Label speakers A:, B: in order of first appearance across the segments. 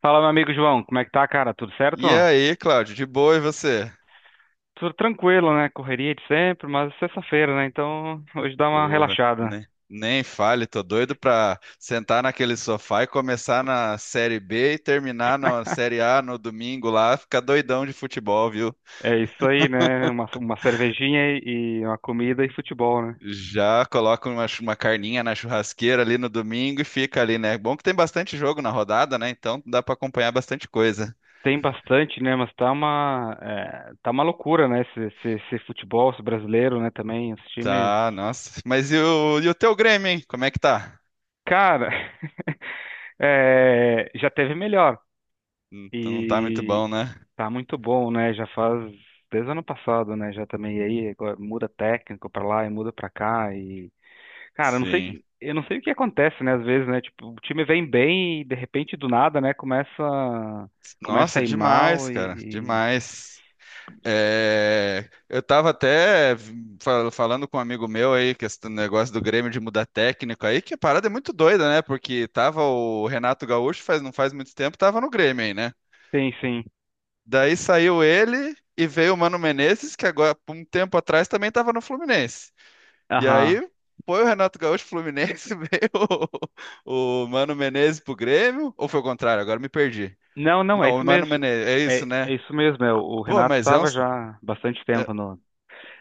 A: Fala, meu amigo João, como é que tá, cara? Tudo certo?
B: E aí, Cláudio, de boa e você?
A: Tudo tranquilo, né? Correria de sempre, mas é sexta-feira, né? Então, hoje dá uma
B: Porra,
A: relaxada.
B: né? Nem fale, tô doido pra sentar naquele sofá e começar na Série B e terminar na Série A no domingo lá, ficar doidão de futebol, viu?
A: É isso aí, né? Uma cervejinha e uma comida e futebol, né?
B: Já coloca uma, uma carninha na churrasqueira ali no domingo e fica ali, né? Bom que tem bastante jogo na rodada, né? Então dá pra acompanhar bastante coisa.
A: Tem bastante, né? Mas tá tá uma loucura, né? Esse futebol esse brasileiro, né? Também, os times.
B: Tá, nossa. Mas e o teu Grêmio, hein? Como é que tá?
A: Cara, é, já teve melhor.
B: Não tá muito
A: E
B: bom, né?
A: Tá muito bom, né? Já faz desde o ano passado, né? Já também e aí agora muda técnico pra lá e muda pra cá e cara, eu não sei,
B: Sim.
A: eu não sei o que acontece, né? Às vezes, né? Tipo, o time vem bem e de repente do nada, né? Começa, começa
B: Nossa,
A: a ir
B: demais,
A: mal e,
B: cara,
A: e...
B: demais. É, eu estava até falando com um amigo meu aí, que esse negócio do Grêmio de mudar técnico aí, que a parada é muito doida, né? Porque tava o Renato Gaúcho, faz, não faz muito tempo, tava no Grêmio aí, né?
A: Sim, sim.
B: Daí saiu ele e veio o Mano Menezes, que agora, por um tempo atrás, também tava no Fluminense. E
A: Aham.
B: aí foi o Renato Gaúcho pro Fluminense, veio o Mano Menezes pro Grêmio, ou foi o contrário? Agora me perdi.
A: Não, não, é
B: Não,
A: isso
B: o Mano
A: mesmo.
B: Menezes, é
A: É,
B: isso,
A: é
B: né?
A: isso mesmo. É, o
B: Pô,
A: Renato
B: mas é
A: estava
B: uns.
A: já há bastante
B: É.
A: tempo no.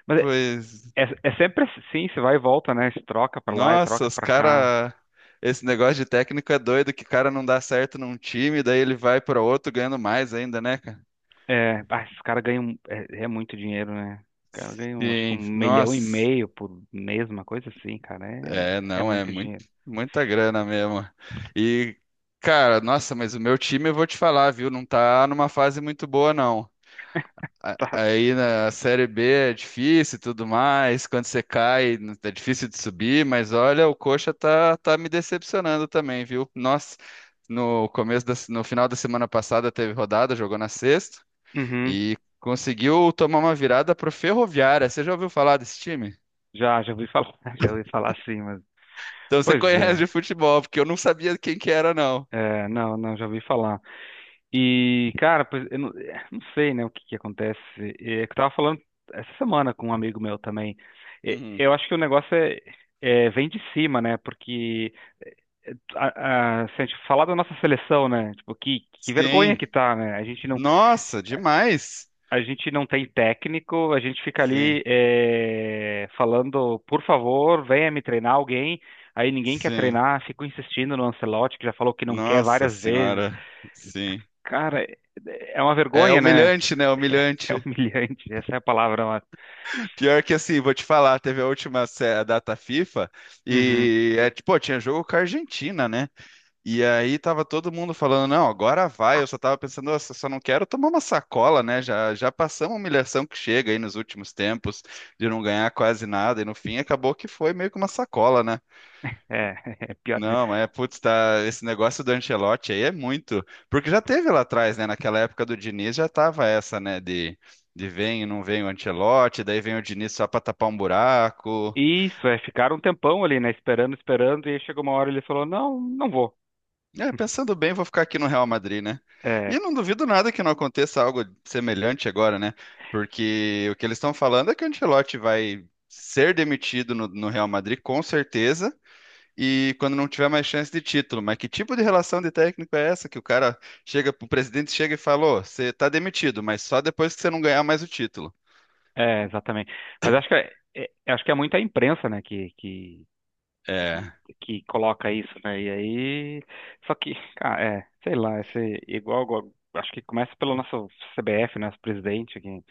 A: Mas é,
B: Pois.
A: é, é sempre assim, você vai e volta, né? Se troca pra lá e
B: Nossa,
A: troca
B: os
A: pra cá.
B: cara. Esse negócio de técnico é doido, que o cara não dá certo num time, daí ele vai para outro ganhando mais ainda, né, cara?
A: É, ah, esses caras ganham muito dinheiro, né? Os caras ganham, acho que
B: Sim,
A: um milhão e
B: nossa.
A: meio por mês, uma coisa assim, cara.
B: É,
A: É, é
B: não, é
A: muito
B: muito,
A: dinheiro.
B: muita grana mesmo. E, cara, nossa, mas o meu time, eu vou te falar, viu? Não tá numa fase muito boa, não.
A: Tá.
B: Aí na Série B é difícil e tudo mais. Quando você cai, é difícil de subir, mas olha, o Coxa tá me decepcionando também, viu? Nossa, no final da semana passada teve rodada, jogou na sexta
A: Uhum.
B: e conseguiu tomar uma virada pro Ferroviária. Você já ouviu falar desse time?
A: Já ouvi falar, já ouvi falar sim, mas.
B: Então você
A: Pois
B: conhece de
A: é.
B: futebol, porque eu não sabia quem que era, não.
A: É, não, não, já ouvi falar. E, cara, pois, eu não sei, né, o que que acontece. É, é que eu tava falando essa semana com um amigo meu também. É,
B: Uhum.
A: eu acho que o negócio é, vem de cima, né? Porque se a gente falar da nossa seleção, né? Tipo, que vergonha
B: Sim.
A: que tá, né?
B: Nossa, demais.
A: A gente não tem técnico, a gente fica ali
B: Sim,
A: falando, por favor, venha me treinar alguém. Aí ninguém quer
B: sim.
A: treinar, fico insistindo no Ancelotti, que já falou que não quer
B: Nossa
A: várias vezes.
B: senhora. Sim.
A: Cara, é uma
B: É
A: vergonha, né?
B: humilhante, né?
A: É
B: Humilhante.
A: humilhante, essa é a palavra, mano.
B: Pior que assim, vou te falar, teve a última a data FIFA
A: Uhum,
B: e é tipo, pô, tinha jogo com a Argentina, né? E aí tava todo mundo falando, não, agora vai. Eu só tava pensando, nossa, só não quero tomar uma sacola, né? Já passamos a humilhação que chega aí nos últimos tempos de não ganhar quase nada e no fim acabou que foi meio que uma sacola, né?
A: é, é pior.
B: Não, mas é, putz, tá, esse negócio do Ancelotti aí é muito, porque já teve lá atrás, né, naquela época do Diniz já tava essa, né, de vem e não vem o Ancelotti, daí vem o Diniz só pra tapar um buraco.
A: Isso, é, ficaram um tempão ali, né? Esperando, esperando, e aí chegou uma hora e ele falou: Não, não vou.
B: É, pensando bem, vou ficar aqui no Real Madrid, né?
A: É,
B: E não duvido nada que não aconteça algo semelhante agora, né? Porque o que eles estão falando é que o Ancelotti vai ser demitido no Real Madrid com certeza e quando não tiver mais chance de título. Mas que tipo de relação de técnico é essa que o cara chega, o presidente chega e fala, "Ô, você tá demitido, mas só depois que você não ganhar mais o título."
A: É, exatamente. Mas acho que é, acho que é muita imprensa, né,
B: É,
A: que coloca isso, né? E aí, só que, cara, é, sei lá, esse, igual, acho que começa pelo nosso CBF, nosso presidente, que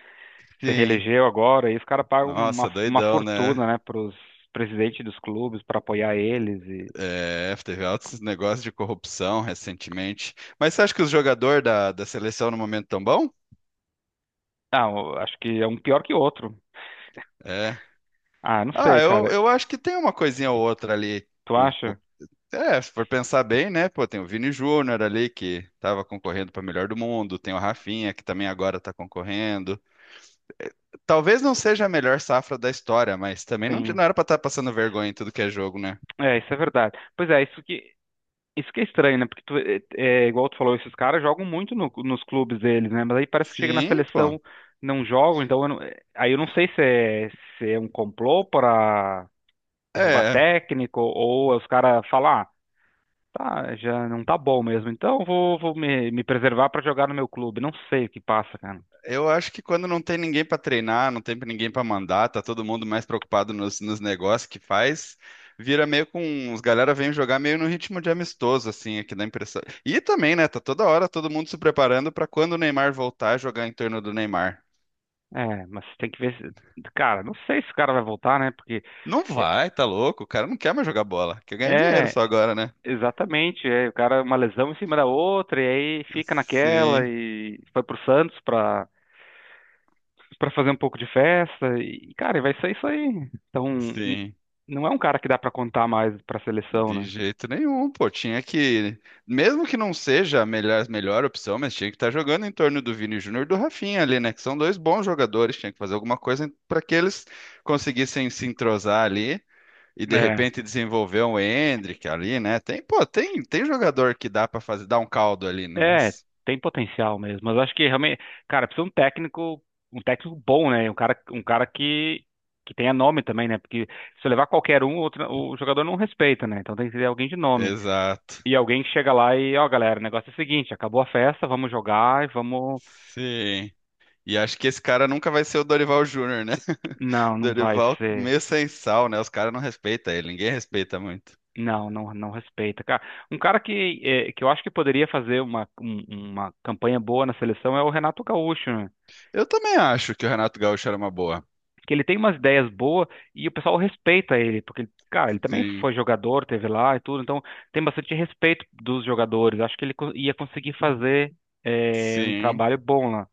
A: se
B: sim.
A: reelegeu agora, e os caras pagam uma,
B: Nossa,
A: uma
B: doidão, né?
A: fortuna, né, pros presidentes dos clubes para apoiar eles e
B: É, teve altos negócios de corrupção recentemente. Mas você acha que os jogadores da seleção no momento tão bom?
A: ah, eu acho que é um pior que outro.
B: É.
A: Ah, não sei,
B: Ah, eu,
A: cara.
B: eu acho que tem uma coisinha ou outra ali.
A: Tu acha?
B: É, se for pensar bem, né? Pô, tem o Vini Júnior ali que estava concorrendo para melhor do mundo, tem o Rafinha que também agora está concorrendo. Talvez não seja a melhor safra da história, mas também não,
A: Sim.
B: não era para estar passando vergonha em tudo que é jogo, né?
A: É, isso é verdade. Pois é, isso que Isso que é estranho, né? Porque é igual tu falou, esses caras jogam muito nos clubes deles, né? Mas aí parece que chega na
B: Sim, pô.
A: seleção, não jogam, então eu aí eu não sei se é, se é um complô para derrubar
B: É.
A: técnico ou os caras falar, ah, tá, já não tá bom mesmo, então vou, me preservar para jogar no meu clube. Não sei o que passa, cara.
B: Eu acho que quando não tem ninguém para treinar, não tem ninguém para mandar, tá todo mundo mais preocupado nos negócios que faz, vira meio com os galera vêm jogar meio no ritmo de amistoso assim, aqui dá a impressão. E também, né, tá toda hora todo mundo se preparando para quando o Neymar voltar jogar em torno do Neymar.
A: É, mas tem que ver se, cara, não sei se o cara vai voltar, né? Porque
B: Não
A: é,
B: vai, tá louco? O cara não quer mais jogar bola, quer ganhar dinheiro
A: é
B: só agora, né?
A: Exatamente, é, o cara uma lesão em cima da outra e aí fica naquela
B: Sim,
A: e foi pro Santos pra, pra fazer um pouco de festa e cara, e vai ser isso aí. Então,
B: sim.
A: não é um cara que dá pra contar mais pra seleção,
B: De
A: né?
B: jeito nenhum, pô. Tinha que, mesmo que não seja a melhor, melhor opção, mas tinha que estar jogando em torno do Vini Júnior e do Rafinha ali, né? Que são dois bons jogadores. Tinha que fazer alguma coisa para que eles conseguissem se entrosar ali e de
A: É,
B: repente desenvolver um Endrick ali, né? Tem, pô, tem jogador que dá para fazer, dar um caldo ali, né?
A: é,
B: Mas...
A: tem potencial mesmo, mas eu acho que realmente, cara, precisa um técnico bom, né? Um cara que tenha nome também, né? Porque se eu levar qualquer um, outro, o jogador não respeita, né? Então tem que ter alguém de nome.
B: Exato.
A: E alguém chega lá e, ó, galera, o negócio é o seguinte, acabou a festa, vamos jogar e vamos.
B: Sim. E acho que esse cara nunca vai ser o Dorival Júnior, né?
A: Não, não vai
B: Dorival
A: ser.
B: meio sem sal, né? Os caras não respeitam ele, ninguém respeita muito.
A: Não, não, não respeita. Cara, um cara que, eh, que eu acho que poderia fazer uma campanha boa na seleção é o Renato Gaúcho, né?
B: Eu também acho que o Renato Gaúcho era uma boa.
A: Que ele tem umas ideias boas e o pessoal respeita ele, porque, cara, ele também
B: Sim,
A: foi jogador, teve lá e tudo, então tem bastante respeito dos jogadores. Acho que ele ia conseguir fazer, eh, um
B: sim,
A: trabalho bom lá.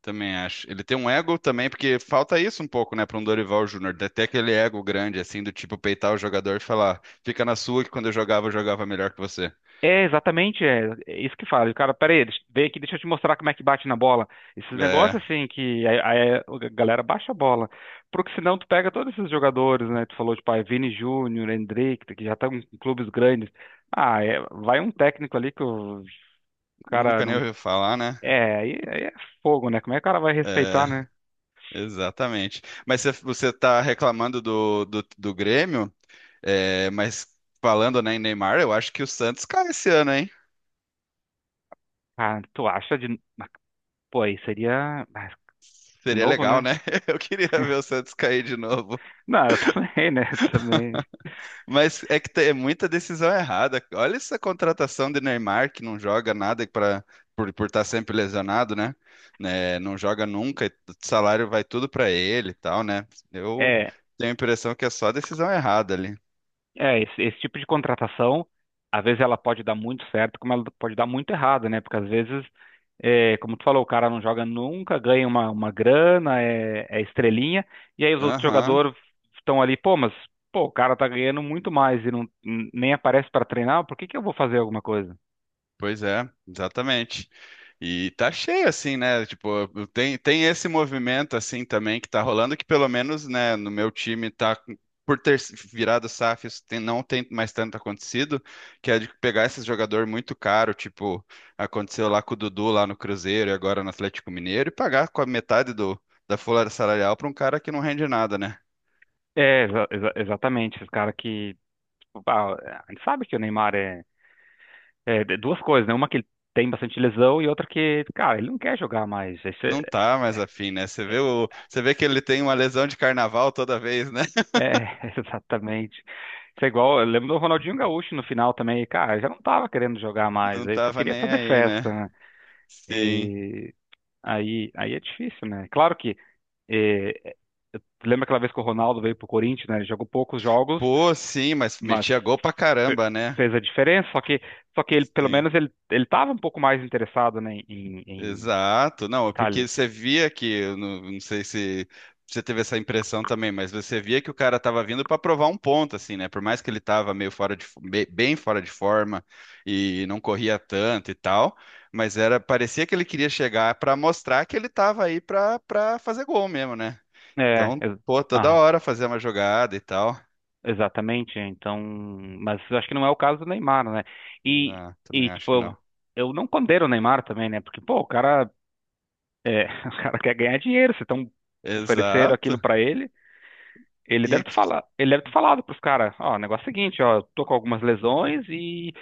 B: também acho. Ele tem um ego também, porque falta isso um pouco, né, para um Dorival Júnior, de ter até aquele ego grande, assim, do tipo peitar o jogador e falar, fica na sua que quando eu jogava melhor que você.
A: É, exatamente, é, é isso que fala. O cara, pera aí, vem aqui, deixa eu te mostrar como é que bate na bola. Esses negócios
B: É,
A: assim que a galera baixa a bola. Porque senão tu pega todos esses jogadores, né? Tu falou, de pai Vini Júnior, Hendrick, que já estão em clubes grandes. Ah, é, vai um técnico ali que o cara
B: nunca nem
A: não.
B: ouviu falar, né?
A: É, aí, aí é fogo, né? Como é que o cara vai
B: É,
A: respeitar, né?
B: exatamente. Mas você tá reclamando do, do Grêmio, é, mas falando, né, em Neymar, eu acho que o Santos cai esse ano, hein?
A: Ah, tu acha de. Mas, pô, aí seria. Mas, de
B: Seria
A: novo,
B: legal,
A: né?
B: né? Eu queria ver o Santos cair de novo.
A: Não, eu também, né? Também.
B: Mas é que é muita decisão errada. Olha essa contratação de Neymar que não joga nada para por estar sempre lesionado, né? Né, não joga nunca, e o salário vai tudo para ele e tal, né? Eu
A: É,
B: tenho a impressão que é só decisão errada ali.
A: É, esse tipo de contratação, às vezes ela pode dar muito certo, como ela pode dar muito errado, né? Porque às vezes, é, como tu falou, o cara não joga nunca, ganha uma grana, é estrelinha, e aí os outros
B: Aham.
A: jogadores estão ali, pô, mas pô, o cara tá ganhando muito mais e não, nem aparece para treinar, por que que eu vou fazer alguma coisa?
B: Pois é, exatamente. E tá cheio assim, né? Tipo, tem, tem esse movimento assim também que tá rolando, que pelo menos, né, no meu time tá por ter virado SAF, isso não tem mais tanto acontecido, que é de pegar esses jogador muito caro, tipo, aconteceu lá com o Dudu lá no Cruzeiro e agora no Atlético Mineiro, e pagar com a metade do, da folha salarial pra um cara que não rende nada, né?
A: É, exatamente, esse cara que, tipo, ah, a gente sabe que o Neymar é, duas coisas, né? Uma que ele tem bastante lesão e outra que, cara, ele não quer jogar mais.
B: Não tá mais afim, né? Você vê o, você vê que ele tem uma lesão de carnaval toda vez, né?
A: É, exatamente. Isso é igual, eu lembro do Ronaldinho Gaúcho no final também, cara, já não tava querendo jogar mais,
B: Não
A: aí só
B: tava
A: queria
B: nem
A: fazer
B: aí, né?
A: festa, né?
B: Sim.
A: E aí, aí é difícil, né? Claro que eh, eu lembro aquela vez que o Ronaldo veio pro Corinthians, né? Ele jogou poucos jogos,
B: Pô, sim, mas
A: mas
B: metia gol pra
A: fe-
B: caramba, né?
A: fez a diferença, só que ele pelo
B: Sim.
A: menos ele tava um pouco mais interessado, né, em
B: Exato. Não, é
A: tá
B: porque
A: ali.
B: você via que, eu não, não sei se você teve essa impressão também, mas você via que o cara tava vindo pra provar um ponto, assim, né? Por mais que ele tava meio fora de, bem fora de forma e não corria tanto e tal, mas era, parecia que ele queria chegar pra mostrar que ele tava aí pra para fazer gol mesmo, né?
A: É,
B: Então,
A: ex-
B: pô, toda hora fazer uma jogada e tal.
A: Exatamente, então, mas eu acho que não é o caso do Neymar, né? E,
B: Não,
A: e
B: também
A: tipo,
B: acho que não.
A: eu não condeno o Neymar também, né? Porque, pô, o cara, é, o cara quer ganhar dinheiro, se estão ofereceram aquilo
B: Exato.
A: pra ele,
B: E
A: ele deve ter falado pros caras, ó, o negócio é o seguinte, ó, tô com algumas lesões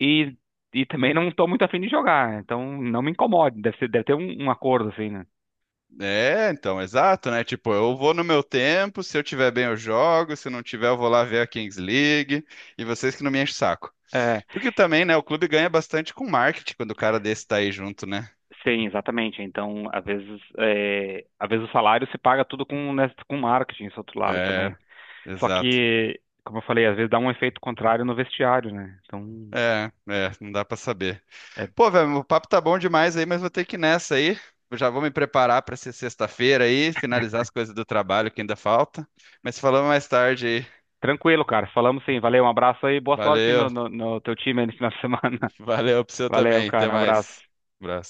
A: e, e também não tô muito afim de jogar, então não me incomode, deve ter um, um acordo assim, né?
B: é, então, exato, né? Tipo, eu vou no meu tempo, se eu tiver bem eu jogo, se não tiver eu vou lá ver a Kings League, e vocês que não me enchem o saco.
A: É,
B: Porque também, né, o clube ganha bastante com marketing quando o cara desse tá aí junto, né?
A: sim, exatamente. Então, às vezes, é, às vezes o salário se paga tudo com, né, com marketing, esse outro lado também.
B: É,
A: Só
B: exato.
A: que, como eu falei, às vezes dá um efeito contrário no vestiário, né? Então,
B: É, é, não dá pra saber.
A: é
B: Pô, velho, o papo tá bom demais aí, mas vou ter que ir nessa aí. Eu já vou me preparar pra ser sexta-feira aí, finalizar as coisas do trabalho que ainda falta. Mas falamos mais tarde aí.
A: tranquilo, cara. Falamos sim. Valeu, um abraço aí. Boa sorte
B: Valeu,
A: no teu time aí no final de semana.
B: valeu pro seu
A: Valeu,
B: também. Até
A: cara. Um
B: mais.
A: abraço.
B: Abraço.